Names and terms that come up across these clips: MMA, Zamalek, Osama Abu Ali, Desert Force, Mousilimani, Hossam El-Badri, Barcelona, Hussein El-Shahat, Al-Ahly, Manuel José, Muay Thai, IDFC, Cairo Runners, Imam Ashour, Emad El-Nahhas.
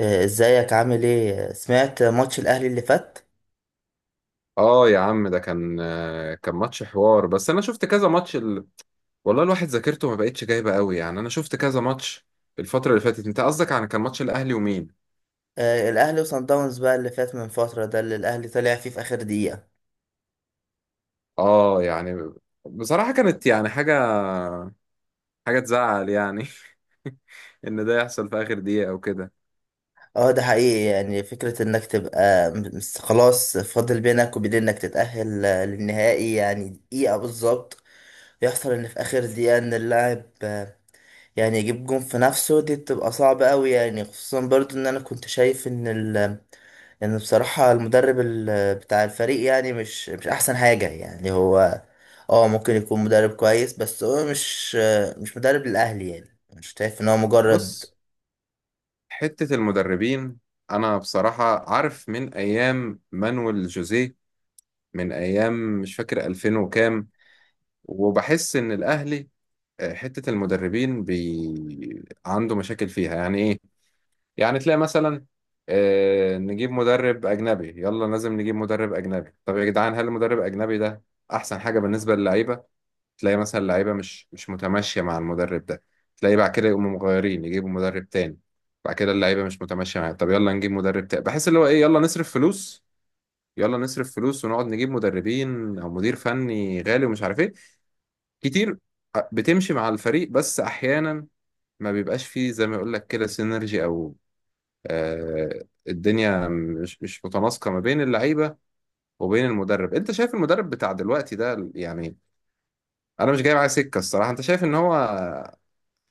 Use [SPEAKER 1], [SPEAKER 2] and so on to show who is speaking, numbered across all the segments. [SPEAKER 1] ازيك، عامل ايه؟ سمعت ماتش الاهلي اللي فات؟
[SPEAKER 2] اه يا عم، ده كان كان ماتش حوار، بس انا شفت كذا ماتش والله الواحد ذاكرته ما بقتش جايبه قوي، يعني انا شفت كذا ماتش الفتره اللي فاتت. انت قصدك عن كان ماتش الاهلي ومين؟
[SPEAKER 1] الاهلي وصن داونز، بقى اللي فات من فتره، ده اللي الاهلي طلع فيه في اخر دقيقه.
[SPEAKER 2] اه يعني بصراحه كانت يعني حاجه، حاجه تزعل يعني. ان ده يحصل في اخر دقيقه او كده.
[SPEAKER 1] اه، ده حقيقي، يعني فكره انك تبقى خلاص، فاضل بينك وبين انك تتاهل للنهائي، يعني دقيقه بالظبط. يحصل ان في اخر دقيقه ان اللاعب يعني يجيب جون في نفسه، دي بتبقى صعبه قوي، يعني خصوصا برضو ان انا كنت شايف ان ال. يعني بصراحة، المدرب بتاع الفريق يعني مش أحسن حاجة، يعني هو. اه، ممكن يكون مدرب كويس بس هو مش. مش مدرب للأهلي، يعني مش شايف إن هو مجرد.
[SPEAKER 2] بص، حته المدربين انا بصراحه عارف من ايام مانويل جوزيه، من ايام مش فاكر 2000 وكام، وبحس ان الاهلي حتة المدربين عنده مشاكل فيها، يعني إيه؟ يعني تلاقي مثلا نجيب مدرب أجنبي، يلا لازم نجيب مدرب أجنبي. طب يا جدعان، هل المدرب الأجنبي ده أحسن حاجة بالنسبة للعيبة؟ تلاقي مثلا اللعيبة مش متماشية مع المدرب ده، تلاقي بعد كده يقوموا مغيرين يجيبوا مدرب تاني. بعد كده اللعيبة مش متماشية معاه، طب يلا نجيب مدرب تاني. بحس اللي هو إيه، يلا نصرف فلوس، يلا نصرف فلوس ونقعد نجيب مدربين أو مدير فني غالي ومش عارف إيه كتير. بتمشي مع الفريق، بس أحيانا ما بيبقاش فيه زي ما يقول لك كده سينرجي او آه الدنيا مش متناسقه ما بين اللعيبه وبين المدرب. انت شايف المدرب بتاع دلوقتي ده يعني؟ انا مش جاي معاه سكه الصراحه، انت شايف ان هو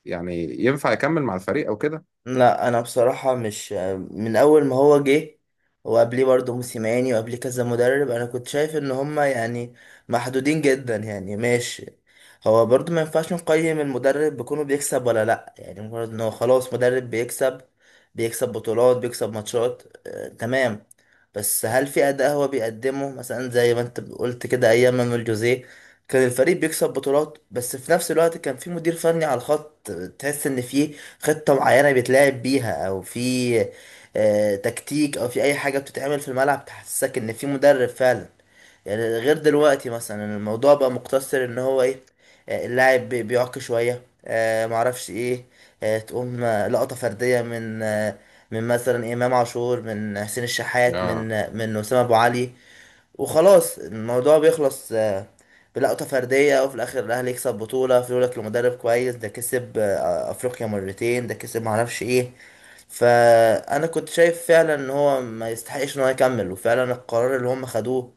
[SPEAKER 2] يعني ينفع يكمل مع الفريق او كده؟
[SPEAKER 1] لا انا بصراحه مش، من اول ما هو جه، وقبليه برضه موسيماني، وقبليه كذا مدرب انا كنت شايف ان هما يعني محدودين جدا، يعني ماشي. هو برضه ما ينفعش نقيم المدرب بكونه بيكسب ولا لا، يعني مجرد ان هو خلاص مدرب بيكسب. بيكسب بطولات، بيكسب ماتشات، آه تمام. بس هل في اداء هو بيقدمه؟ مثلا زي ما انت قلت كده ايام مانويل جوزيه، كان الفريق بيكسب بطولات، بس في نفس الوقت كان في مدير فني على الخط، تحس ان فيه خطة معينة بيتلعب بيها، او في تكتيك، او في اي حاجة بتتعمل في الملعب تحسسك ان في مدرب فعلا. يعني غير دلوقتي مثلا، الموضوع بقى مقتصر ان هو ايه، اللاعب بيعك شوية، معرفش ايه، تقوم لقطة فردية من مثلا امام عاشور، من حسين الشحات، من
[SPEAKER 2] اه،
[SPEAKER 1] آه، من اسامة ابو علي، وخلاص الموضوع بيخلص بلقطة فردية، وفي الآخر الأهلي يكسب بطولة، في لك لمدرب كويس ده كسب أفريقيا مرتين، ده كسب معرفش إيه. فأنا كنت شايف فعلا إن هو ما يستحقش إن هو يكمل، وفعلا القرار اللي هم خدوه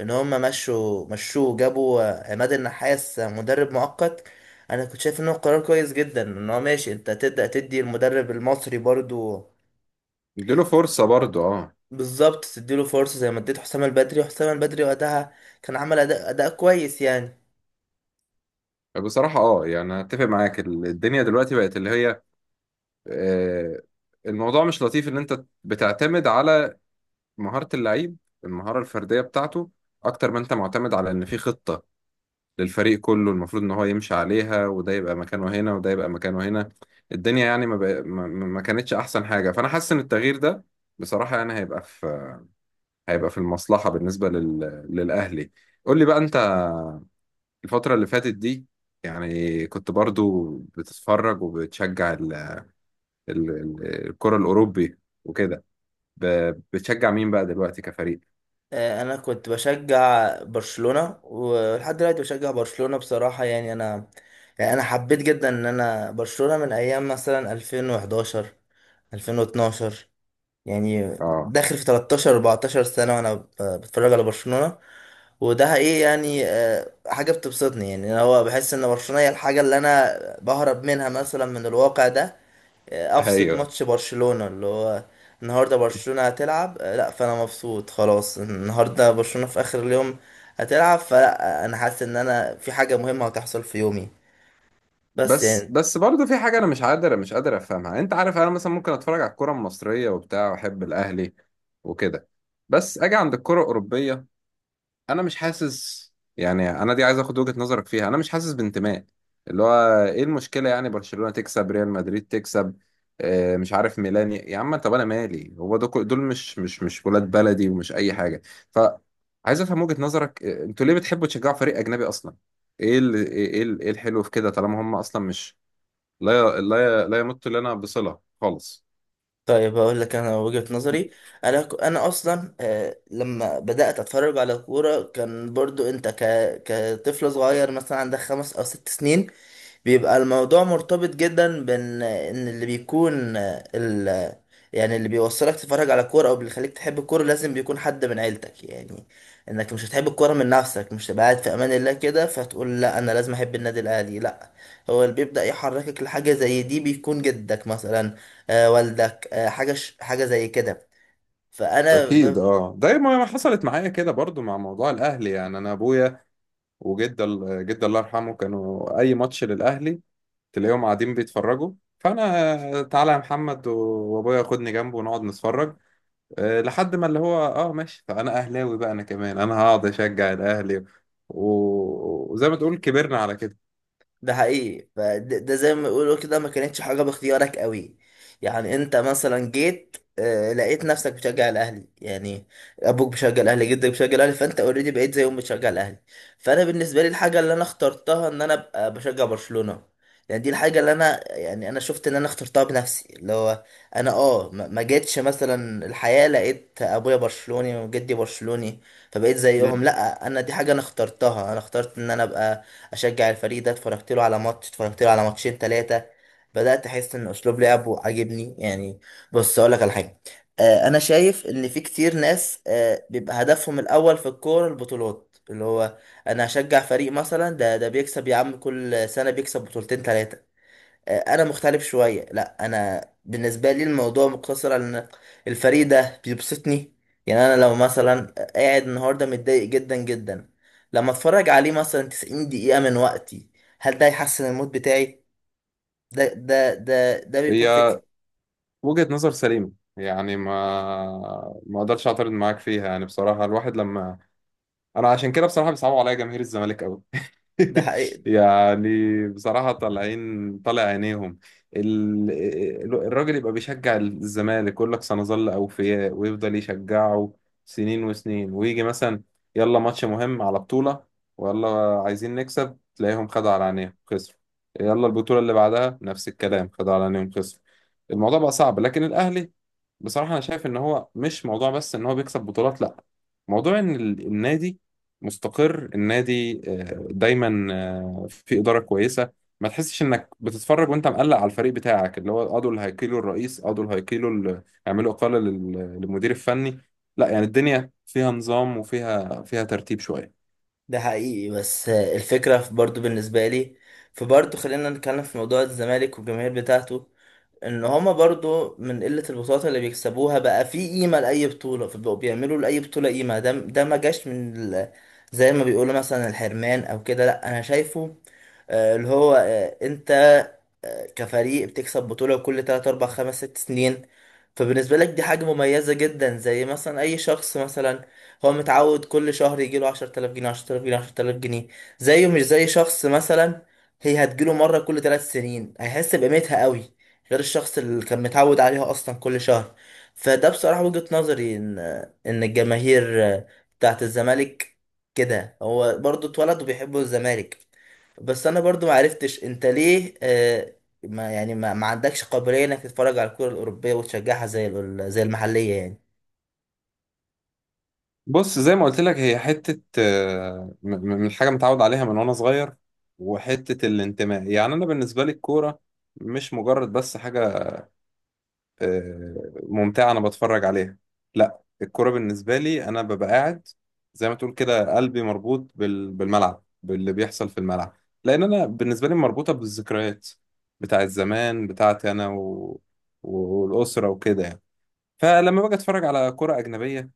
[SPEAKER 1] إن هم مشوا مشوه، جابوا عماد النحاس، مدرب مؤقت. أنا كنت شايف إن هو قرار كويس جدا، إن هو ماشي، أنت تبدأ تدي المدرب المصري برضو.
[SPEAKER 2] اديله فرصه برضه اه.
[SPEAKER 1] بالظبط، تديله فرصة زي ما اديت حسام البدري، وحسام البدري وقتها كان عمل أداء كويس يعني.
[SPEAKER 2] بصراحه اه، يعني أنا اتفق معاك، الدنيا دلوقتي بقت اللي هي آه الموضوع مش لطيف ان انت بتعتمد على مهاره اللعيب، المهاره الفرديه بتاعته، اكتر ما انت معتمد على ان في خطه للفريق كله المفروض ان هو يمشي عليها، وده يبقى مكانه هنا وده يبقى مكانه هنا. الدنيا يعني ما, بق... ما ما- ما كانتش احسن حاجة، فانا حاسس ان التغيير ده بصراحة يعني هيبقى هيبقى في المصلحة بالنسبة للاهلي. قول لي بقى انت الفترة اللي فاتت دي يعني كنت برضو بتتفرج وبتشجع الكرة الاوروبي وكده، ب... بتشجع مين بقى دلوقتي كفريق؟
[SPEAKER 1] أنا كنت بشجع برشلونة، ولحد دلوقتي بشجع برشلونة بصراحة، يعني أنا. يعني أنا حبيت جدا إن أنا برشلونة من أيام مثلا 2011، 2012، يعني
[SPEAKER 2] اه،
[SPEAKER 1] داخل في 13، 14 سنة وأنا بتفرج على برشلونة. وده إيه يعني، حاجة بتبسطني، يعني أنا هو بحس إن برشلونة هي الحاجة اللي أنا بهرب منها مثلا من الواقع ده. افصل
[SPEAKER 2] ايوه.
[SPEAKER 1] ماتش برشلونة اللي هو، النهارده برشلونة هتلعب لا فانا مبسوط خلاص، النهارده برشلونة في اخر اليوم هتلعب، فلا انا حاسس ان انا في حاجة مهمة هتحصل في يومي، بس
[SPEAKER 2] بس
[SPEAKER 1] يعني.
[SPEAKER 2] بس برضه في حاجة أنا مش قادر أفهمها. أنت عارف، أنا مثلا ممكن أتفرج على الكرة المصرية وبتاع وأحب الأهلي وكده، بس أجي عند الكرة الأوروبية أنا مش حاسس، يعني أنا دي عايز أخد وجهة نظرك فيها. أنا مش حاسس بانتماء، اللي هو إيه المشكلة يعني؟ برشلونة تكسب، ريال مدريد تكسب، مش عارف ميلان، يا عم طب أنا مالي؟ هو دول دول مش ولاد بلدي ومش أي حاجة. ف عايز أفهم وجهة نظرك، أنتوا ليه بتحبوا تشجعوا فريق أجنبي أصلا؟ ايه الحلو في كده طالما هم اصلا مش لا لا لا يمت لنا بصلة خالص؟
[SPEAKER 1] طيب هقول لك انا وجهة نظري، انا اصلا لما بدأت اتفرج على كورة كان برضو انت كطفل صغير مثلا عندك 5 او 6 سنين، بيبقى الموضوع مرتبط جدا بان اللي بيكون ال يعني اللي بيوصلك تتفرج على كورة او بيخليك تحب الكورة، لازم بيكون حد من عيلتك، يعني انك مش هتحب الكورة من نفسك، مش تبقى قاعد في امان الله كده فتقول لا، انا لازم احب النادي الاهلي، لا. هو اللي بيبدأ يحركك لحاجة زي دي، بيكون جدك مثلا، والدك، حاجة زي كده. فانا
[SPEAKER 2] اكيد
[SPEAKER 1] ب-
[SPEAKER 2] اه، زي ما حصلت معايا كده برضو مع موضوع الاهلي. يعني انا ابويا وجد جد الله يرحمه، كانوا اي ماتش للاهلي تلاقيهم قاعدين بيتفرجوا. فانا تعالى يا محمد وابويا خدني جنبه ونقعد نتفرج. أه لحد ما اللي هو اه ماشي، فانا اهلاوي بقى انا كمان، انا هقعد اشجع الاهلي. وزي ما تقول كبرنا على كده.
[SPEAKER 1] ده حقيقي، ده زي ما بيقولوا كده ما كانتش حاجة باختيارك قوي، يعني انت مثلا جيت لقيت نفسك بتشجع الاهلي يعني. ابوك بيشجع الاهلي، جدك بيشجع الاهلي، فانت اوريدي بقيت زيهم بتشجع الاهلي. فانا بالنسبه لي، الحاجه اللي انا اخترتها ان انا ابقى بشجع برشلونه، يعني دي الحاجه اللي انا يعني انا شفت ان انا اخترتها بنفسي، اللي هو انا ما جيتش مثلا الحياه لقيت ابويا برشلوني وجدي برشلوني فبقيت
[SPEAKER 2] مم.
[SPEAKER 1] زيهم. لا انا دي حاجه انا اخترتها، انا اخترت ان انا ابقى اشجع الفريق ده، اتفرجت له على ماتش، اتفرجت له على ماتشين ثلاثه، بدات احس ان اسلوب لعبه عاجبني يعني. بص اقول لك على حاجه، انا شايف ان في كتير ناس بيبقى هدفهم الاول في الكوره البطولات، اللي هو انا هشجع فريق مثلا، ده بيكسب يا عم كل سنه بيكسب بطولتين ثلاثه. انا مختلف شويه، لا انا بالنسبه لي الموضوع مقتصر على ان الفريق ده بيبسطني، يعني انا لو مثلا قاعد النهارده متضايق جدا جدا، لما اتفرج عليه مثلا 90 دقيقه من وقتي، هل ده يحسن المود بتاعي؟ ده بيكون فكر.
[SPEAKER 2] هي وجهة نظر سليمة، يعني ما ما اقدرش اعترض معاك فيها. يعني بصراحة الواحد لما، انا عشان كده بصراحه بيصعبوا عليا جماهير الزمالك قوي.
[SPEAKER 1] ده حقيقي
[SPEAKER 2] يعني بصراحه طالعين طالع عينيهم. ال... الراجل يبقى بيشجع الزمالك، يقول لك سنظل اوفياء ويفضل يشجعه سنين وسنين، ويجي مثلا يلا ماتش مهم على بطوله، ويلا عايزين نكسب، تلاقيهم خدوا على عينيهم، خسروا. يلا البطوله اللي بعدها نفس الكلام، خدوا على عينيهم، خسروا. الموضوع بقى صعب. لكن الاهلي بصراحه انا شايف ان هو مش موضوع بس ان هو بيكسب بطولات، لا، موضوع ان النادي مستقر، النادي آه، دايما آه، في إدارة كويسة. ما تحسش انك بتتفرج وانت مقلق على الفريق بتاعك، اللي هو اه دول هيقيلوا الرئيس، اه دول هيقيلوا هيعملوا إقالة للمدير الفني. لا، يعني الدنيا فيها نظام وفيها ترتيب شوية.
[SPEAKER 1] ده حقيقي. بس الفكره برضو بالنسبه لي، فبرضو خلينا نتكلم في موضوع الزمالك والجماهير بتاعته، ان هما برضو من قلة البطولات اللي بيكسبوها بقى في قيمة لأي بطولة، فبقوا بيعملوا لأي بطولة قيمة، ده ما جاش من زي ما بيقولوا مثلا الحرمان او كده، لا انا شايفه اللي هو انت كفريق بتكسب بطولة كل 3، 4، 5، 6 سنين، فبالنسبة لك دي حاجة مميزة جدا، زي مثلا أي شخص مثلا هو متعود كل شهر يجيله 10,000 جنيه، 10,000 جنيه، 10,000 جنيه، زيه مش زي شخص مثلا هي هتجيله مرة كل 3 سنين، هيحس بقيمتها قوي غير الشخص اللي كان متعود عليها أصلا كل شهر. فده بصراحة وجهة نظري إن الجماهير بتاعت الزمالك، كده هو برضو اتولد وبيحبوا الزمالك. بس انا برضو ما عرفتش انت ليه، ما يعني، ما عندكش قابليه انك تتفرج على الكره الاوروبيه وتشجعها، زي زي المحليه يعني.
[SPEAKER 2] بص، زي ما قلت لك، هي حتة آه، من حاجة متعود عليها من وانا صغير، وحتة الانتماء. يعني انا بالنسبة لي الكورة مش مجرد بس حاجة آه، ممتعة أنا بتفرج عليها، لا، الكرة بالنسبة لي أنا ببقى قاعد زي ما تقول كده قلبي مربوط بالملعب، باللي بيحصل في الملعب، لأن أنا بالنسبة لي مربوطة بالذكريات بتاع الزمان بتاعتي، أنا والأسرة وكده يعني. فلما باجي أتفرج على كرة أجنبية،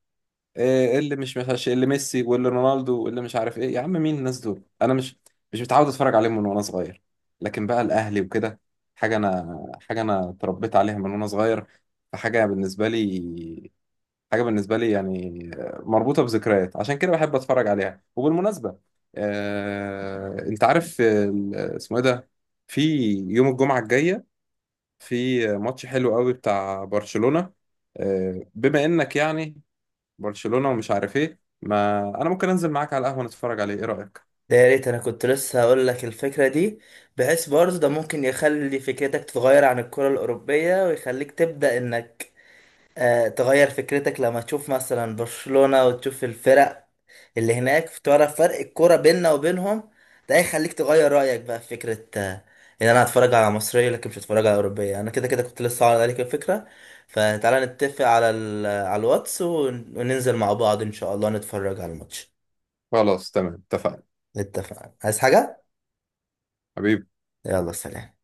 [SPEAKER 2] إيه اللي مش مش اللي ميسي واللي رونالدو واللي مش عارف ايه؟ يا عم مين الناس دول؟ انا مش متعود اتفرج عليهم من وانا صغير. لكن بقى الاهلي وكده حاجه انا، حاجه انا اتربيت عليها من وانا صغير، فحاجه بالنسبه لي، حاجه بالنسبه لي يعني مربوطه بذكريات، عشان كده بحب اتفرج عليها. وبالمناسبه، انت عارف اسمه ايه ده، في يوم الجمعه الجايه في ماتش حلو قوي بتاع برشلونه، بما انك يعني برشلونة ومش عارف ايه، ما انا ممكن انزل معاك على القهوة نتفرج عليه، ايه رأيك؟
[SPEAKER 1] ده يا ريت، انا كنت لسه هقول لك الفكره دي، بحيث برضو ده ممكن يخلي فكرتك تتغير عن الكره الاوروبيه، ويخليك تبدا انك تغير فكرتك، لما تشوف مثلا برشلونة، وتشوف الفرق اللي هناك، تعرف فرق الكرة بيننا وبينهم، ده هيخليك تغير رأيك بقى في فكرة ان انا هتفرج على مصرية لكن مش هتفرج على أوروبية، انا كده كده كنت لسه عارض عليك الفكرة. فتعالى نتفق على على الواتس، وننزل مع بعض ان شاء الله نتفرج على الماتش.
[SPEAKER 2] خلاص تمام، اتفقنا.
[SPEAKER 1] اتفقنا؟ عايز حاجة؟
[SPEAKER 2] حبيبي.
[SPEAKER 1] يلا سلام.